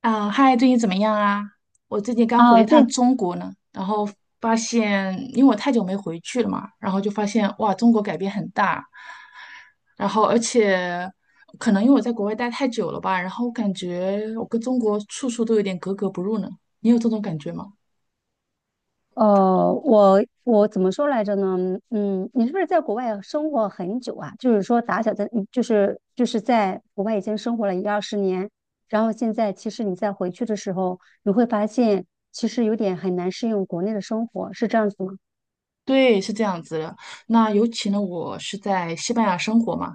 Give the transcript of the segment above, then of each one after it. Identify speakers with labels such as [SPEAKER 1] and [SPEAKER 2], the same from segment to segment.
[SPEAKER 1] 啊，嗨，最近怎么样啊？我最近刚回了
[SPEAKER 2] 啊，
[SPEAKER 1] 一趟
[SPEAKER 2] 这
[SPEAKER 1] 中国呢，然后发现，因为我太久没回去了嘛，然后就发现哇，中国改变很大，然后而且可能因为我在国外待太久了吧，然后我感觉我跟中国处处都有点格格不入呢。你有这种感觉吗？
[SPEAKER 2] 我怎么说来着呢？嗯，你是不是在国外生活很久啊？就是说打小在，就是在国外已经生活了一二十年，然后现在其实你再回去的时候，你会发现其实有点很难适应国内的生活，是这样子吗？
[SPEAKER 1] 对，是这样子的。那尤其呢，我是在西班牙生活嘛，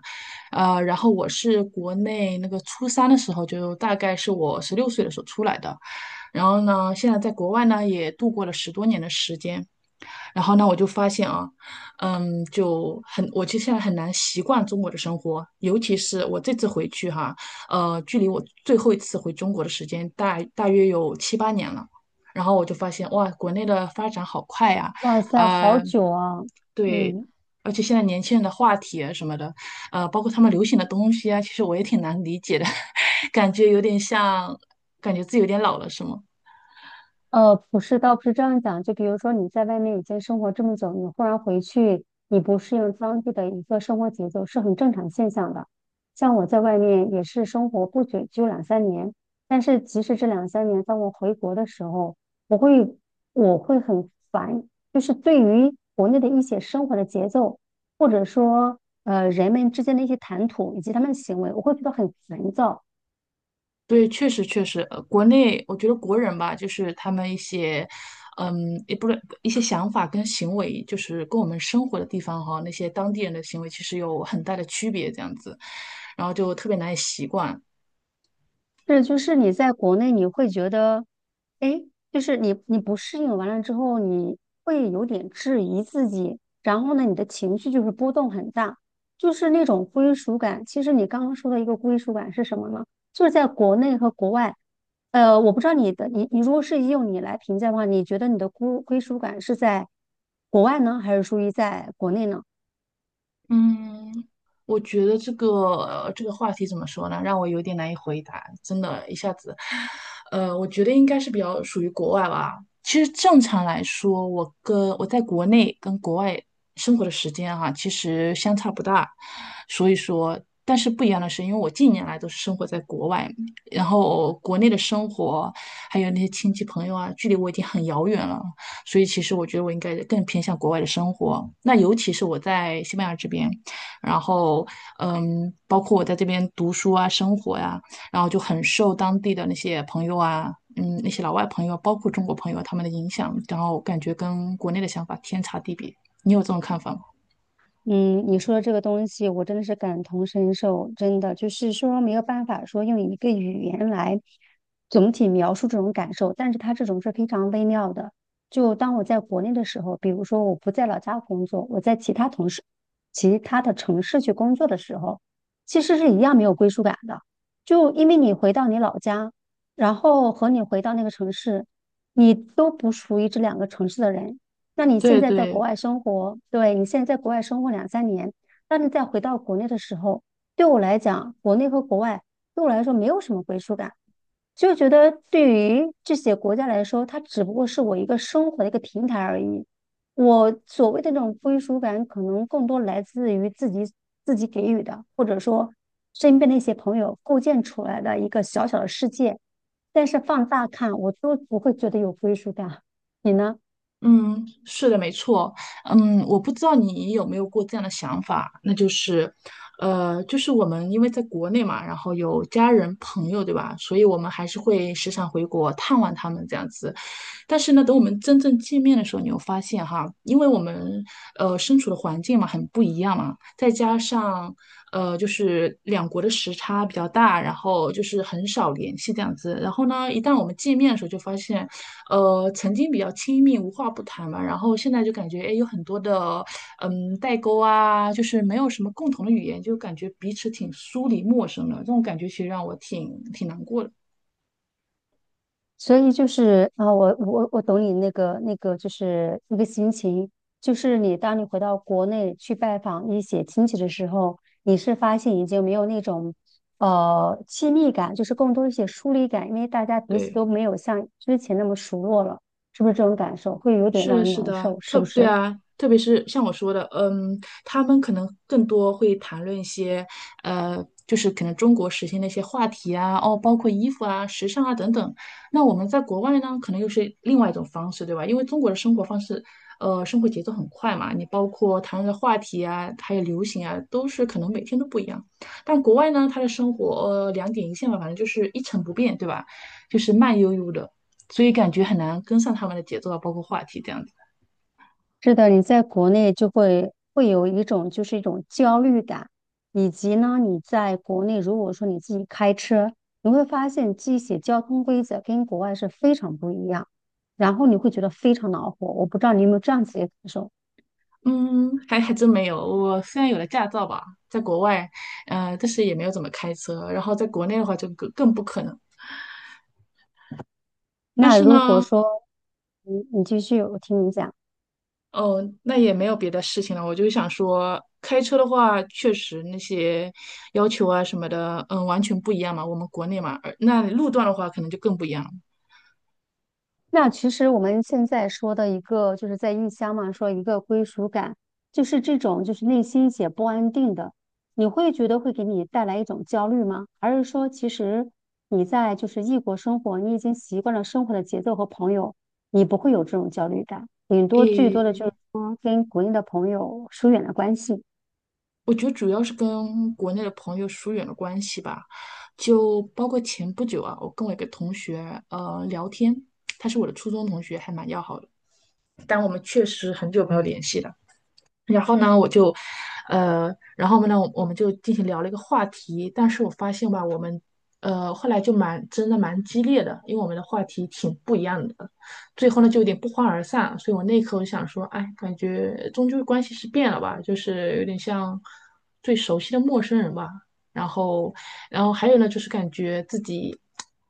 [SPEAKER 1] 然后我是国内那个初三的时候，就大概是我十六岁的时候出来的。然后呢，现在在国外呢也度过了十多年的时间。然后呢，我就发现啊，就很，我其实现在很难习惯中国的生活，尤其是我这次回去哈，距离我最后一次回中国的时间大约有七八年了。然后我就发现，哇，国内的发展好快呀，
[SPEAKER 2] 哇塞，好
[SPEAKER 1] 啊，
[SPEAKER 2] 久啊！
[SPEAKER 1] 对，
[SPEAKER 2] 嗯，
[SPEAKER 1] 而且现在年轻人的话题啊什么的，包括他们流行的东西啊，其实我也挺难理解的，感觉有点像，感觉自己有点老了，是吗？
[SPEAKER 2] 不是，倒不是这样讲。就比如说你在外面已经生活这么久，你忽然回去，你不适应当地的一个生活节奏，是很正常现象的。像我在外面也是生活不久，就两三年。但是即使这两三年，当我回国的时候，我会我会很烦，就是对于国内的一些生活的节奏，或者说人们之间的一些谈吐以及他们的行为，我会觉得很烦躁。
[SPEAKER 1] 对，确实确实，国内我觉得国人吧，就是他们一些，也不是一些想法跟行为，就是跟我们生活的地方哈，那些当地人的行为其实有很大的区别，这样子，然后就特别难以习惯。
[SPEAKER 2] 是，就是你在国内你会觉得，哎，就是你不适应完了之后，你会有点质疑自己，然后呢，你的情绪就是波动很大，就是那种归属感。其实你刚刚说的一个归属感是什么呢？就是在国内和国外，呃，我不知道你的你你如果是用你来评价的话，你觉得你的归属感是在国外呢，还是属于在国内呢？
[SPEAKER 1] 嗯，我觉得这个话题怎么说呢，让我有点难以回答，真的，一下子，我觉得应该是比较属于国外吧。其实正常来说，我跟我在国内跟国外生活的时间哈、其实相差不大。所以说，但是不一样的是，因为我近年来都是生活在国外，然后国内的生活还有那些亲戚朋友啊，距离我已经很遥远了。所以其实我觉得我应该更偏向国外的生活。那尤其是我在西班牙这边，然后包括我在这边读书啊、生活呀、然后就很受当地的那些朋友啊，那些老外朋友，包括中国朋友他们的影响，然后感觉跟国内的想法天差地别。你有这种看法吗？
[SPEAKER 2] 嗯，你说的这个东西，我真的是感同身受，真的就是说没有办法说用一个语言来总体描述这种感受，但是它这种是非常微妙的。就当我在国内的时候，比如说我不在老家工作，我在其他同事、其他的城市去工作的时候，其实是一样没有归属感的。就因为你回到你老家，然后和你回到那个城市，你都不属于这两个城市的人。那你现
[SPEAKER 1] 对
[SPEAKER 2] 在在国
[SPEAKER 1] 对，
[SPEAKER 2] 外生活，对，你现在在国外生活两三年，当你再回到国内的时候，对我来讲，国内和国外对我来说没有什么归属感，就觉得对于这些国家来说，它只不过是我一个生活的一个平台而已。我所谓的那种归属感，可能更多来自于自己给予的，或者说身边的一些朋友构建出来的一个小小的世界。但是放大看，我都不会觉得有归属感。你呢？
[SPEAKER 1] 嗯，是的，没错，我不知道你有没有过这样的想法，那就是，就是我们因为在国内嘛，然后有家人朋友，对吧？所以我们还是会时常回国探望他们这样子。但是呢，等我们真正见面的时候，你会发现哈，因为我们身处的环境嘛很不一样嘛，再加上就是两国的时差比较大，然后就是很少联系这样子。然后呢，一旦我们见面的时候，就发现曾经比较亲密，无话不谈嘛，然后现在就感觉哎有很多的代沟啊，就是没有什么共同的语言，就感觉彼此挺疏离陌生的，这种感觉其实让我挺难过的。
[SPEAKER 2] 所以就是啊，我懂你那个，就是一个心情，就是你当你回到国内去拜访一些亲戚的时候，你是发现已经没有那种亲密感，就是更多一些疏离感，因为大家彼此
[SPEAKER 1] 对。
[SPEAKER 2] 都没有像之前那么熟络了，是不是这种感受会有点
[SPEAKER 1] 是
[SPEAKER 2] 让
[SPEAKER 1] 的，
[SPEAKER 2] 人
[SPEAKER 1] 是
[SPEAKER 2] 难
[SPEAKER 1] 的，
[SPEAKER 2] 受，是
[SPEAKER 1] 特
[SPEAKER 2] 不
[SPEAKER 1] 对
[SPEAKER 2] 是？
[SPEAKER 1] 啊，特别是像我说的，他们可能更多会谈论一些，就是可能中国时兴的一些话题啊，哦，包括衣服啊、时尚啊等等。那我们在国外呢，可能又是另外一种方式，对吧？因为中国的生活方式，生活节奏很快嘛，你包括谈论的话题啊，还有流行啊，都是可能每天都不一样。但国外呢，他的生活，两点一线吧，反正就是一成不变，对吧？就是慢悠悠的。所以感觉很难跟上他们的节奏啊，包括话题这样子。
[SPEAKER 2] 是的，你在国内就会有一种就是一种焦虑感，以及呢，你在国内如果说你自己开车，你会发现这些交通规则跟国外是非常不一样，然后你会觉得非常恼火。我不知道你有没有这样子的感受？
[SPEAKER 1] 嗯，还真没有。我虽然有了驾照吧，在国外，但是也没有怎么开车。然后在国内的话，就更不可能。但
[SPEAKER 2] 那
[SPEAKER 1] 是
[SPEAKER 2] 如果
[SPEAKER 1] 呢，
[SPEAKER 2] 说，你你继续，我听你讲。
[SPEAKER 1] 哦，那也没有别的事情了。我就想说，开车的话，确实那些要求啊什么的，完全不一样嘛。我们国内嘛，而那路段的话，可能就更不一样了。
[SPEAKER 2] 那其实我们现在说的一个，就是在异乡嘛，说一个归属感，就是这种就是内心也不安定的，你会觉得会给你带来一种焦虑吗？还是说其实你在就是异国生活，你已经习惯了生活的节奏和朋友，你不会有这种焦虑感，顶多最多的就
[SPEAKER 1] 诶，
[SPEAKER 2] 是说跟国内的朋友疏远了关系。
[SPEAKER 1] 我觉得主要是跟国内的朋友疏远了关系吧，就包括前不久啊，我跟我一个同学聊天，他是我的初中同学，还蛮要好的，但我们确实很久没有联系了。然后呢，我们就进行聊了一个话题，但是我发现吧，我们，后来就蛮真的蛮激烈的，因为我们的话题挺不一样的，最后呢就有点不欢而散，所以我那一刻我就想说，哎，感觉终究关系是变了吧，就是有点像最熟悉的陌生人吧。然后，然后还有呢，就是感觉自己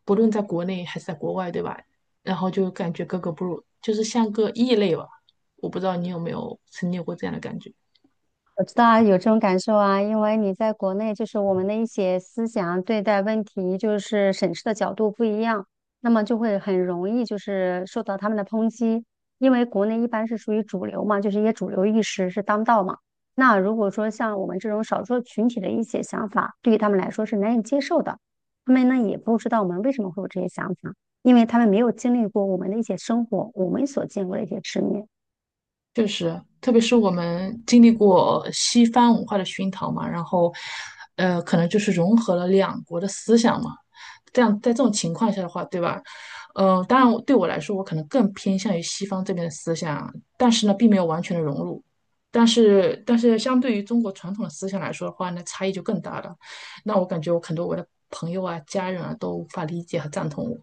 [SPEAKER 1] 不论在国内还是在国外，对吧？然后就感觉格格不入，就是像个异类吧。我不知道你有没有曾经有过这样的感觉。
[SPEAKER 2] 我知道啊有这种感受啊，因为你在国内，就是我们的一些思想对待问题，就是审视的角度不一样，那么就会很容易就是受到他们的抨击。因为国内一般是属于主流嘛，就是一些主流意识是当道嘛。那如果说像我们这种少数群体的一些想法，对于他们来说是难以接受的，他们呢也不知道我们为什么会有这些想法，因为他们没有经历过我们的一些生活，我们所见过的一些世面。
[SPEAKER 1] 确实，特别是我们经历过西方文化的熏陶嘛，然后，可能就是融合了两国的思想嘛。这样，在这种情况下的话，对吧？当然，对我来说，我可能更偏向于西方这边的思想，但是呢，并没有完全的融入。但是相对于中国传统的思想来说的话，那差异就更大了。那我感觉我很多我的朋友啊、家人啊都无法理解和赞同我。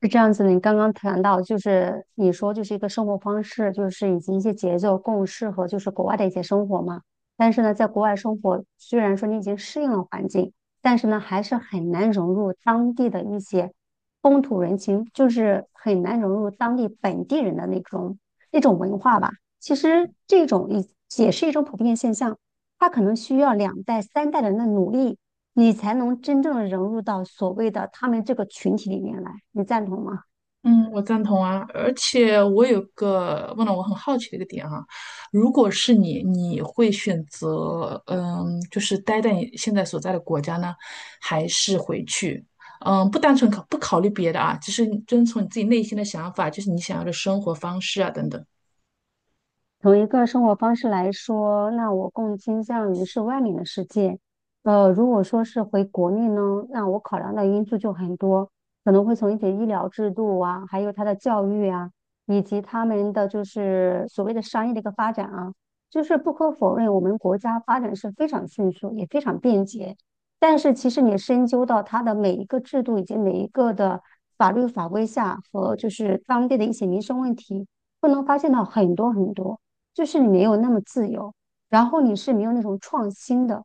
[SPEAKER 2] 是这样子的，你刚刚谈到，就是你说就是一个生活方式，就是以及一些节奏更适合就是国外的一些生活嘛。但是呢，在国外生活，虽然说你已经适应了环境，但是呢，还是很难融入当地的一些风土人情，就是很难融入当地本地人的那种文化吧。其实这种也是一种普遍现象，它可能需要两代、三代人的努力。你才能真正融入到所谓的他们这个群体里面来，你赞同吗？
[SPEAKER 1] 嗯，我赞同啊，而且我有个问了我很好奇的一个点啊，如果是你，你会选择就是待在你现在所在的国家呢，还是回去？不单纯考不考虑别的啊，只是遵从你自己内心的想法，就是你想要的生活方式啊等等。
[SPEAKER 2] 从一个生活方式来说，那我更倾向于是外面的世界。呃，如果说是回国内呢，那我考量的因素就很多，可能会从一些医疗制度啊，还有他的教育啊，以及他们的就是所谓的商业的一个发展啊。就是不可否认，我们国家发展是非常迅速，也非常便捷。但是其实你深究到它的每一个制度以及每一个的法律法规下和就是当地的一些民生问题，不能发现到很多很多。就是你没有那么自由，然后你是没有那种创新的。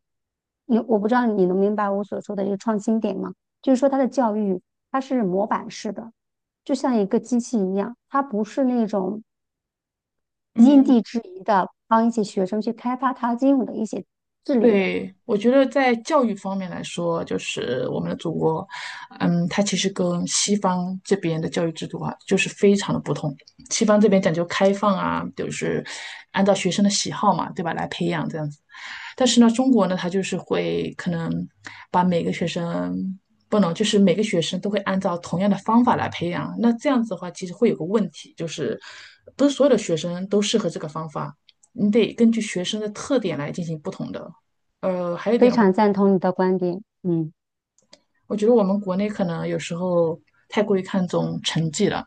[SPEAKER 2] 你我不知道你能明白我所说的这个创新点吗？就是说，它的教育它是模板式的，就像一个机器一样，它不是那种因
[SPEAKER 1] 嗯。
[SPEAKER 2] 地制宜的帮一些学生去开发他应有的一些智力的。
[SPEAKER 1] 对，我觉得在教育方面来说，就是我们的祖国，它其实跟西方这边的教育制度啊，就是非常的不同。西方这边讲究开放啊，就是按照学生的喜好嘛，对吧，来培养这样子。但是呢，中国呢，它就是会可能把每个学生不能，就是每个学生都会按照同样的方法来培养。那这样子的话，其实会有个问题，就是不是所有的学生都适合这个方法。你得根据学生的特点来进行不同的。还有一
[SPEAKER 2] 非
[SPEAKER 1] 点的话，
[SPEAKER 2] 常赞同你的观点，嗯。
[SPEAKER 1] 我觉得我们国内可能有时候太过于看重成绩了。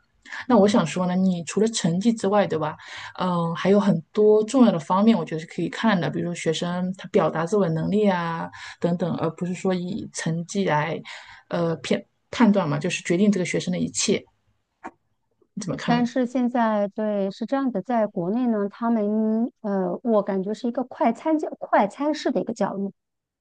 [SPEAKER 1] 那我想说呢，你除了成绩之外，对吧？还有很多重要的方面，我觉得是可以看的，比如说学生他表达自我能力啊等等，而不是说以成绩来，呃，片判断嘛，就是决定这个学生的一切。你怎么看呢？
[SPEAKER 2] 但是现在对是这样子，在国内呢，他们我感觉是一个快餐教、快餐式的一个教育，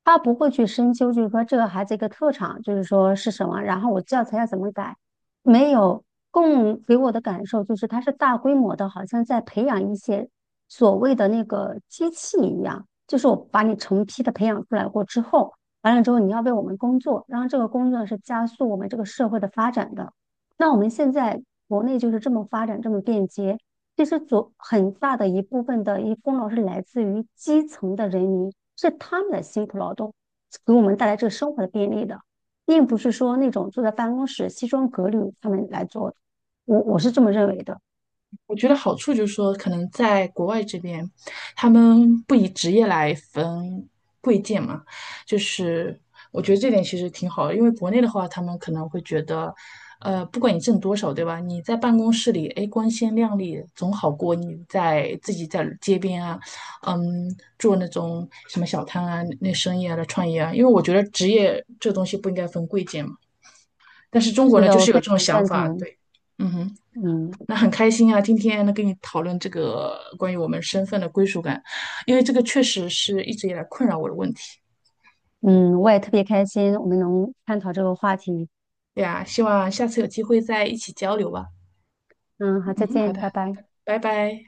[SPEAKER 2] 他不会去深究，就是说这个孩子一个特长，就是说是什么，然后我教材要怎么改，没有更给我的感受就是他是大规模的，好像在培养一些所谓的那个机器一样，就是我把你成批的培养出来过之后，完了之后你要为我们工作，然后这个工作是加速我们这个社会的发展的。那我们现在国内就是这么发展，这么便捷。其实左很大的一部分的一功劳是来自于基层的人民，是他们的辛苦劳动给我们带来这个生活的便利的，并不是说那种坐在办公室西装革履他们来做的。我是这么认为的。
[SPEAKER 1] 我觉得好处就是说，可能在国外这边，他们不以职业来分贵贱嘛，就是我觉得这点其实挺好的，因为国内的话，他们可能会觉得，不管你挣多少，对吧？你在办公室里，哎，光鲜亮丽总好过你在自己在街边啊，做那种什么小摊啊、那生意啊来创业啊，因为我觉得职业这东西不应该分贵贱嘛。但是中国
[SPEAKER 2] 是
[SPEAKER 1] 呢，
[SPEAKER 2] 的，
[SPEAKER 1] 就
[SPEAKER 2] 我
[SPEAKER 1] 是有
[SPEAKER 2] 非
[SPEAKER 1] 这种
[SPEAKER 2] 常
[SPEAKER 1] 想
[SPEAKER 2] 赞
[SPEAKER 1] 法，
[SPEAKER 2] 同。
[SPEAKER 1] 对，嗯哼。
[SPEAKER 2] 嗯
[SPEAKER 1] 那很开心啊，今天能跟你讨论这个关于我们身份的归属感，因为这个确实是一直以来困扰我的问题。
[SPEAKER 2] 嗯，我也特别开心，我们能探讨这个话题。
[SPEAKER 1] 对呀，希望下次有机会再一起交流吧。
[SPEAKER 2] 嗯，好，再
[SPEAKER 1] 嗯，好
[SPEAKER 2] 见，
[SPEAKER 1] 的，
[SPEAKER 2] 拜拜。
[SPEAKER 1] 拜拜。